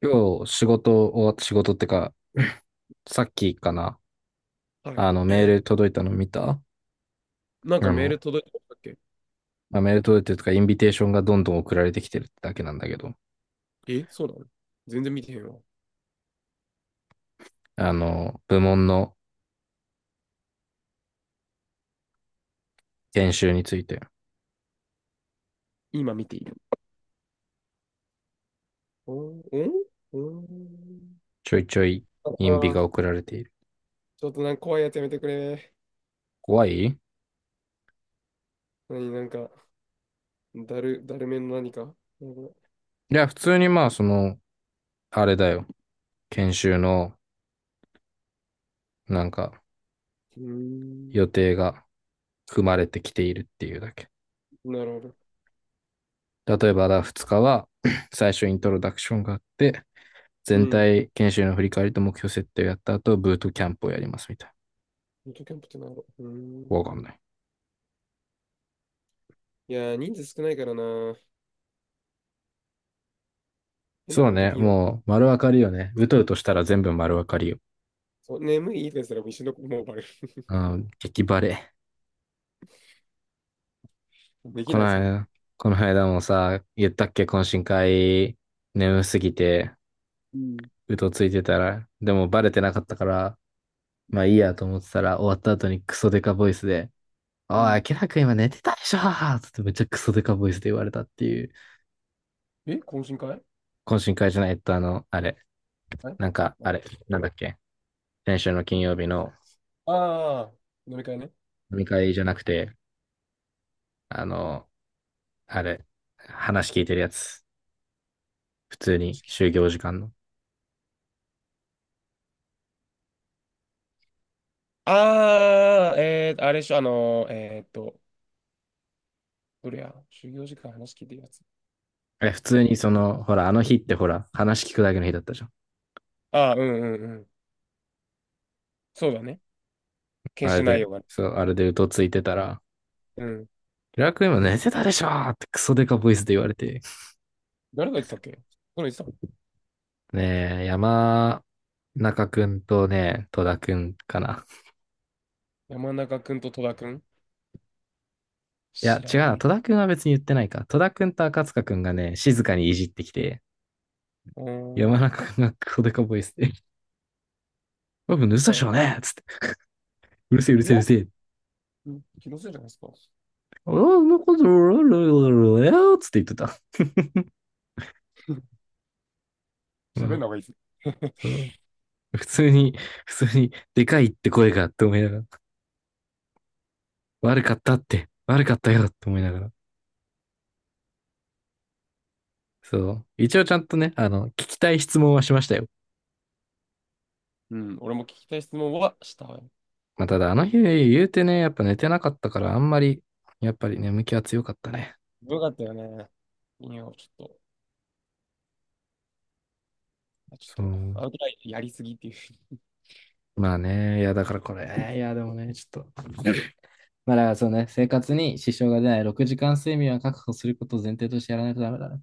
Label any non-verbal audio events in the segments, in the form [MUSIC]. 今日仕事終わった仕事ってか、さっきかな、はい。あのメール [CLEARS THROAT] 届いたの見た。なんかメーの、ル届いてましたっけ？まあ、メール届いてるとか、インビテーションがどんどん送られてきてるってだけなんだけど、え、そうなの？全然見てへんわ。部門の研修について、今見ている。おんおん。ちょいちょいあインビあー、が送られている。ちょっとなんか怖いやつやめてくれ。怖いい何、なんか、だるめの何か。なんか、や、普通にまあ、その、あれだよ。研修の、なんか、うー予ん、定が組まれてきているっていうだけ。なるほど。例えば、2日は、[CLEARS THROAT] 最初イントロダクションがあって、う全ん。体研修の振り返りと目標設定をやった後、ブートキャンプをやりますみたいミートキャンプってなんやろう。ん。な。わかんない。いやー、人数少ないからな。変なそこうとでね、きんよ。もう丸分かりよね。うとうとしたら全部丸分かりよ。そう、眠いいいですらもう一緒のもうバレる。う [LAUGHS] ん、激バレ。できこなのい、それも。間、この間もさ、言ったっけ、懇親会、眠すぎて、うん。うとついてたら、でもバレてなかったから、まあいいやと思ってたら、終わった後にクソデカボイスで、おい、うん。明らか今寝てたでしょつってめっちゃクソデカボイスで言われたっていう、え、懇親会？懇親会じゃないとあの、あれ、はい。なんか、あれ、なんだっけ、先週の金曜日のああー、飲み会ね。飲み会じゃなくて、あの、あれ、話聞いてるやつ。普通に、就業時間の。ああ、あれでしょ、どれや、就業時間話聞いてるやつ。え、普通にその、ほら、あの日ってほら、話聞くだけの日だったじゃん。あー、うんうんうん。そうだね。研あれ修内で、容がね。そう、あれでうとついてたら、うん。平良君今寝てあ、たでしょーってクソデカボイスで言われて。誰が言ってたっけ？誰が言ってた？ねえ、山中くんとね、戸田くんかな。山中くんと戸田くん？いや、知違らうな。ね戸田え。くんは別に言ってないか。戸田くんと赤塚くんがね、静かにいじってきて、うーん、山中くんがクソデカボイスで、僕寝いってたさでんしょや。うねっつって。うるせえ、うるいせえ、や、うるせえ。うん、気のせいじゃないですか？あんなこと、つって言ってた。[LAUGHS] [LAUGHS] う喋んん、な方がいいです。[LAUGHS] そう、普通に、普通に、でかいって声がって思いながら、悪かったって、悪かったよって思いながら。そう。一応ちゃんとね、聞きたい質問はしましたよ。うん、俺も聞きたい質問はしたわよ。まあ、ただ、あの日言うてね、やっぱ寝てなかったから、あんまり、やっぱり眠気は強かったね。よかったよね。いや、ちょっと、ちそょっと、う。アウトラインやりすぎっていう。まあね、いや、だからこれ、いや、でもね、ちょっと。まあ、だからそうね、生活に支障が出ない6時間睡眠は確保することを前提としてやらないとダメだね。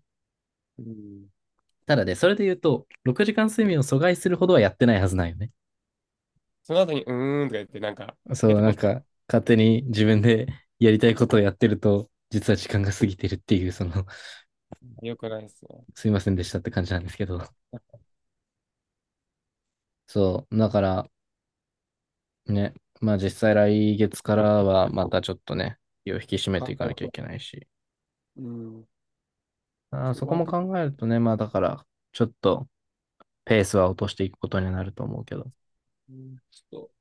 うん。ただね、それで言うと、6時間睡眠を阻害するほどはやってないはずなんよね。その後に、うーんとか言って、なんか、携そう、帯なポんチポか、勝手に自分で [LAUGHS] やりたいことをやってると、実は時間が過ぎてるっていう、その、よくないですね。[LAUGHS] すいませんでしたって感じなんですけど。そう、だからね、まあ実際来月からはまたちょっとね、気を引き締めて考いかえなるきゃいと。けないし。うん。あーちょっそとこワーもク、考えるとね、まあだから、ちょっとペースは落としていくことになると思うけど。うん、ちょっと、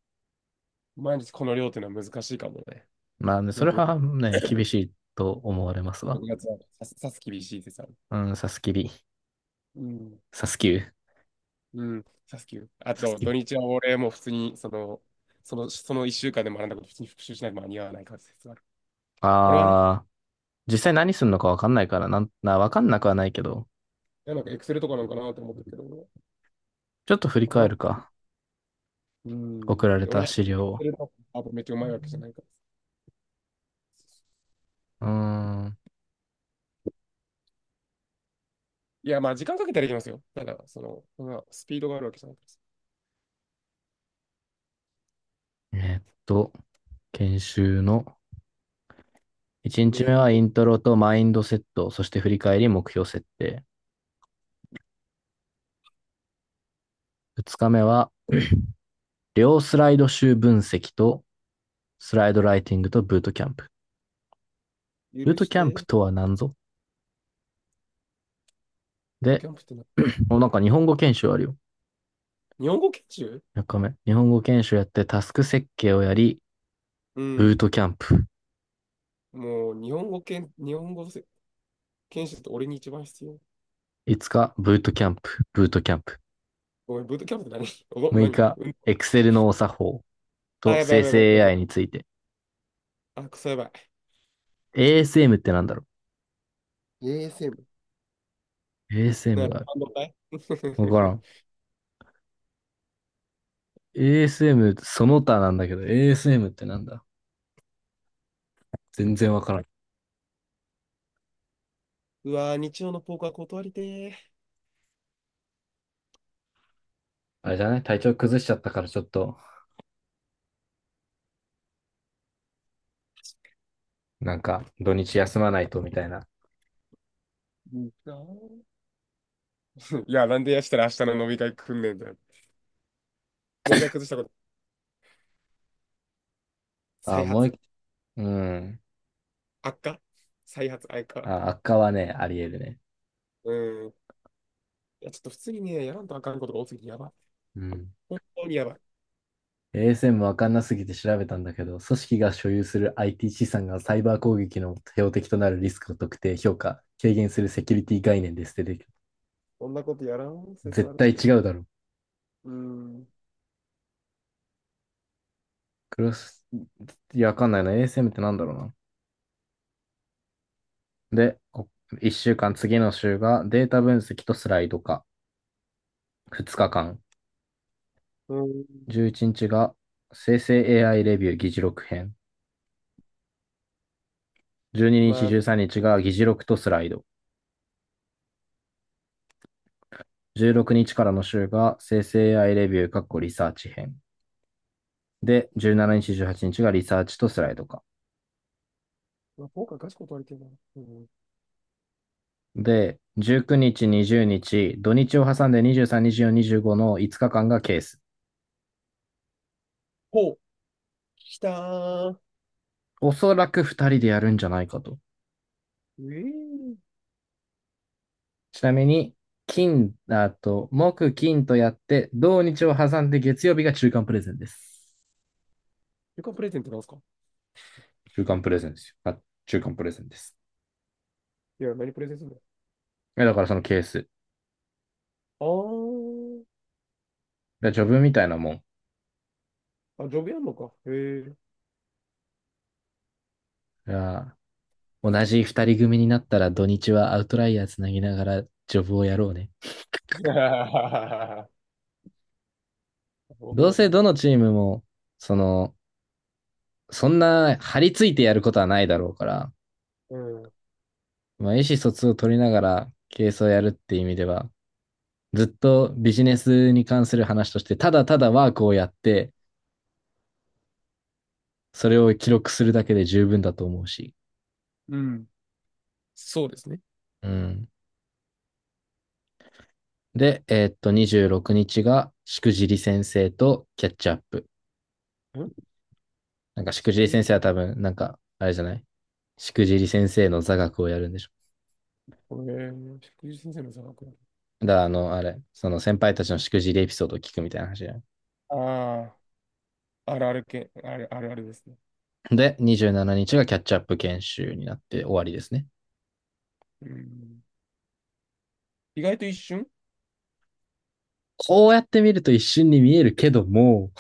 毎日この量っていうのは難しいかもね。まあね、それ6は月、ね、厳しいと思われますわ。6月はさす、さす厳しいってさ。うん、うん。サスキュー、うん。さすきゅあサスと、キュ土ー。日は俺も普通に、その1週間で学んだこと普通に復習しないと間に合わない感じですある俺はね、ああ、実際何すんのかわかんないから、なん、な、わかんなくはないけど、いやなんかエクセルとかなんかなと思ってるけど、ちょっと振りわから返ん。るか。う送ん。られで俺はたエク資料を。セルとかあとめっちゃうまいわけじゃないから。うーん。いや、まあ時間かけたらいきますよ。ただ、その、まあスピードがあるわけじゃないかえーっと、研修の1ら。日目面はイ倒ントロとマインドセット、そして振り返り目標設定。2日目は両スライド集分析とスライドライティングとブートキャンプ。ブー許トしキャンプて。とは何ぞ。フォトで、キャンプってな、[CLEARS THROAT] お、なんか日本語研修あるよ。日本語研修？3日目。日本語研修やってタスク設計をやり、うブーん。トキャンプもう日本語研、日本語せ研修って俺に一番必要。5日、ブートキャンプ。ごめん、ブートキャンプって何？6何、日、うん。 Excel のお作法あ、とやばい生やばいやばい成 やば AI にい。ついて。あ、クソやばい。ASM ってなんだろ ASM。う？ な ASM るがある。ほど。[LAUGHS] かい。わからん。ASM、その他なんだけど、ASM ってなんだ、全然わからん。うわー、日曜のポーカー断りてー。あれじゃない、体調崩しちゃったからちょっと、なんか、土日休まないとみたいな。うんー。[LAUGHS] いや、なんでやしたら明日の飲み会来んねんだよ。もう一回崩したこと。あ、再もう発。一、うん。悪化。再発、悪化、悪化。あ、悪化はね、あり得るね。うん。いや、ちょっと普通にね、やらんとあかんことが多すぎてやばい。うん。本当にやばい。ASM わかんなすぎて調べたんだけど、組織が所有する IT 資産がサイバー攻撃の標的となるリスクを特定、評価、軽減するセキュリティ概念ですってできる。こんなことやらん説あ絶る対けど。違うだろう。うん。クロス、いや、わかんないな。ASM ってなんだろうな。で、1週間、次の週がデータ分析とスライド化。2日間。うん。11日が生成 AI レビュー議事録編。12日、まず、13日が議事録とスライド。16日からの週が生成 AI レビュー、リサーチ編。で、17日、18日がリサーチとスライド化。まあ、今回ガチ断りてるな。うん。で、19日、20日、土日を挟んで23、24、25の5日間がケース。ほう、来たー。おそらく2人でやるんじゃないかと。ええー。ちなみに、金、あと、木、金とやって、土日を挟んで月曜日が中間プレゼンです。旅館プレゼントなんすか？中間プレゼンですよ。あ、中間プレゼンです。いや、何プレゼントするだからそのケース。の？あジョブみたいなもん。ー。あ、ジョブやんのか。へえ。同じ2人組になったら土日はアウトライヤーつなぎながらジョブをやろうね。[LAUGHS] 僕どうのせさんどの。のチームも、その、そんな張り付いてやることはないだろうから、うん。まあ、意思疎通を取りながらケースをやるっていう意味では、ずっとビジネスに関する話として、ただただワークをやって、それを記録するだけで十分だと思うし。うん。そうですね。うん。で、26日が、しくじり先生とキャッチアップ。ん。なんか、しくじり祝日、先生は多分、なんか、あれじゃない、しくじり先生の座学をやるんでしょ。これ、祝日先生の座学？だから、あの、あれ、その先輩たちのしくじりエピソードを聞くみたいな話じゃない。ああ、あるある系、あるあるあるですね。で、27日がキャッチアップ研修になって終わりですね。うん。意外と一瞬。こうやって見ると一瞬に見えるけども、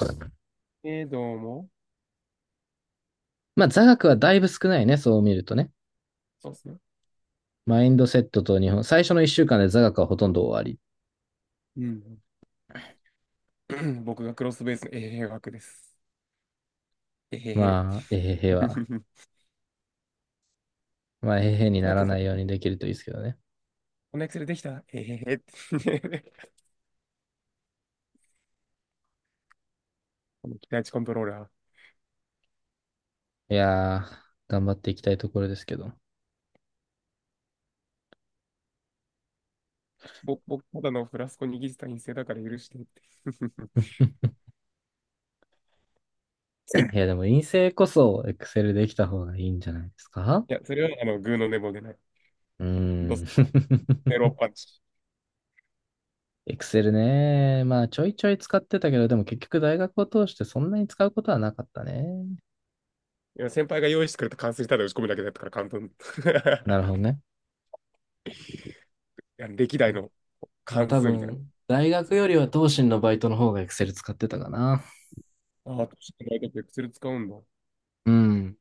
どうも。まあ座学はだいぶ少ないね、そう見るとね。そうっすね。マインドセットと日本、最初の1週間で座学はほとんど終わり。うん。[CLEARS THROAT] 僕がクロスベースの A 学です。えへへ。まあ、えへへは、[LAUGHS] まあ、えへへにうなまらくなこいようにできるといいですけどね。このエクセルできたえへへ。[LAUGHS] この期待値コントローラー。いやー、頑張っていきたいところですけど。僕、ただのフラスコ握った陰性だから許してって。[LAUGHS] いや、でも陰性こそエクセルできた方がいいんじゃないですか？いや、それはあの、グーの根も出ない。うドースのん。メロンパンチ。エクセルね。まあ、ちょいちょい使ってたけど、でも結局大学を通してそんなに使うことはなかったね。いや、先輩が用意してくれた関数にただ打ち込むだけだったから簡単。な [LAUGHS] るほどね。いや歴う代ん、のまあ関多数みたいな。分、大そ学う。よりは東進のバイトの方が Excel 使ってたかな。ああ、確かにエクセル使うんだ。うん。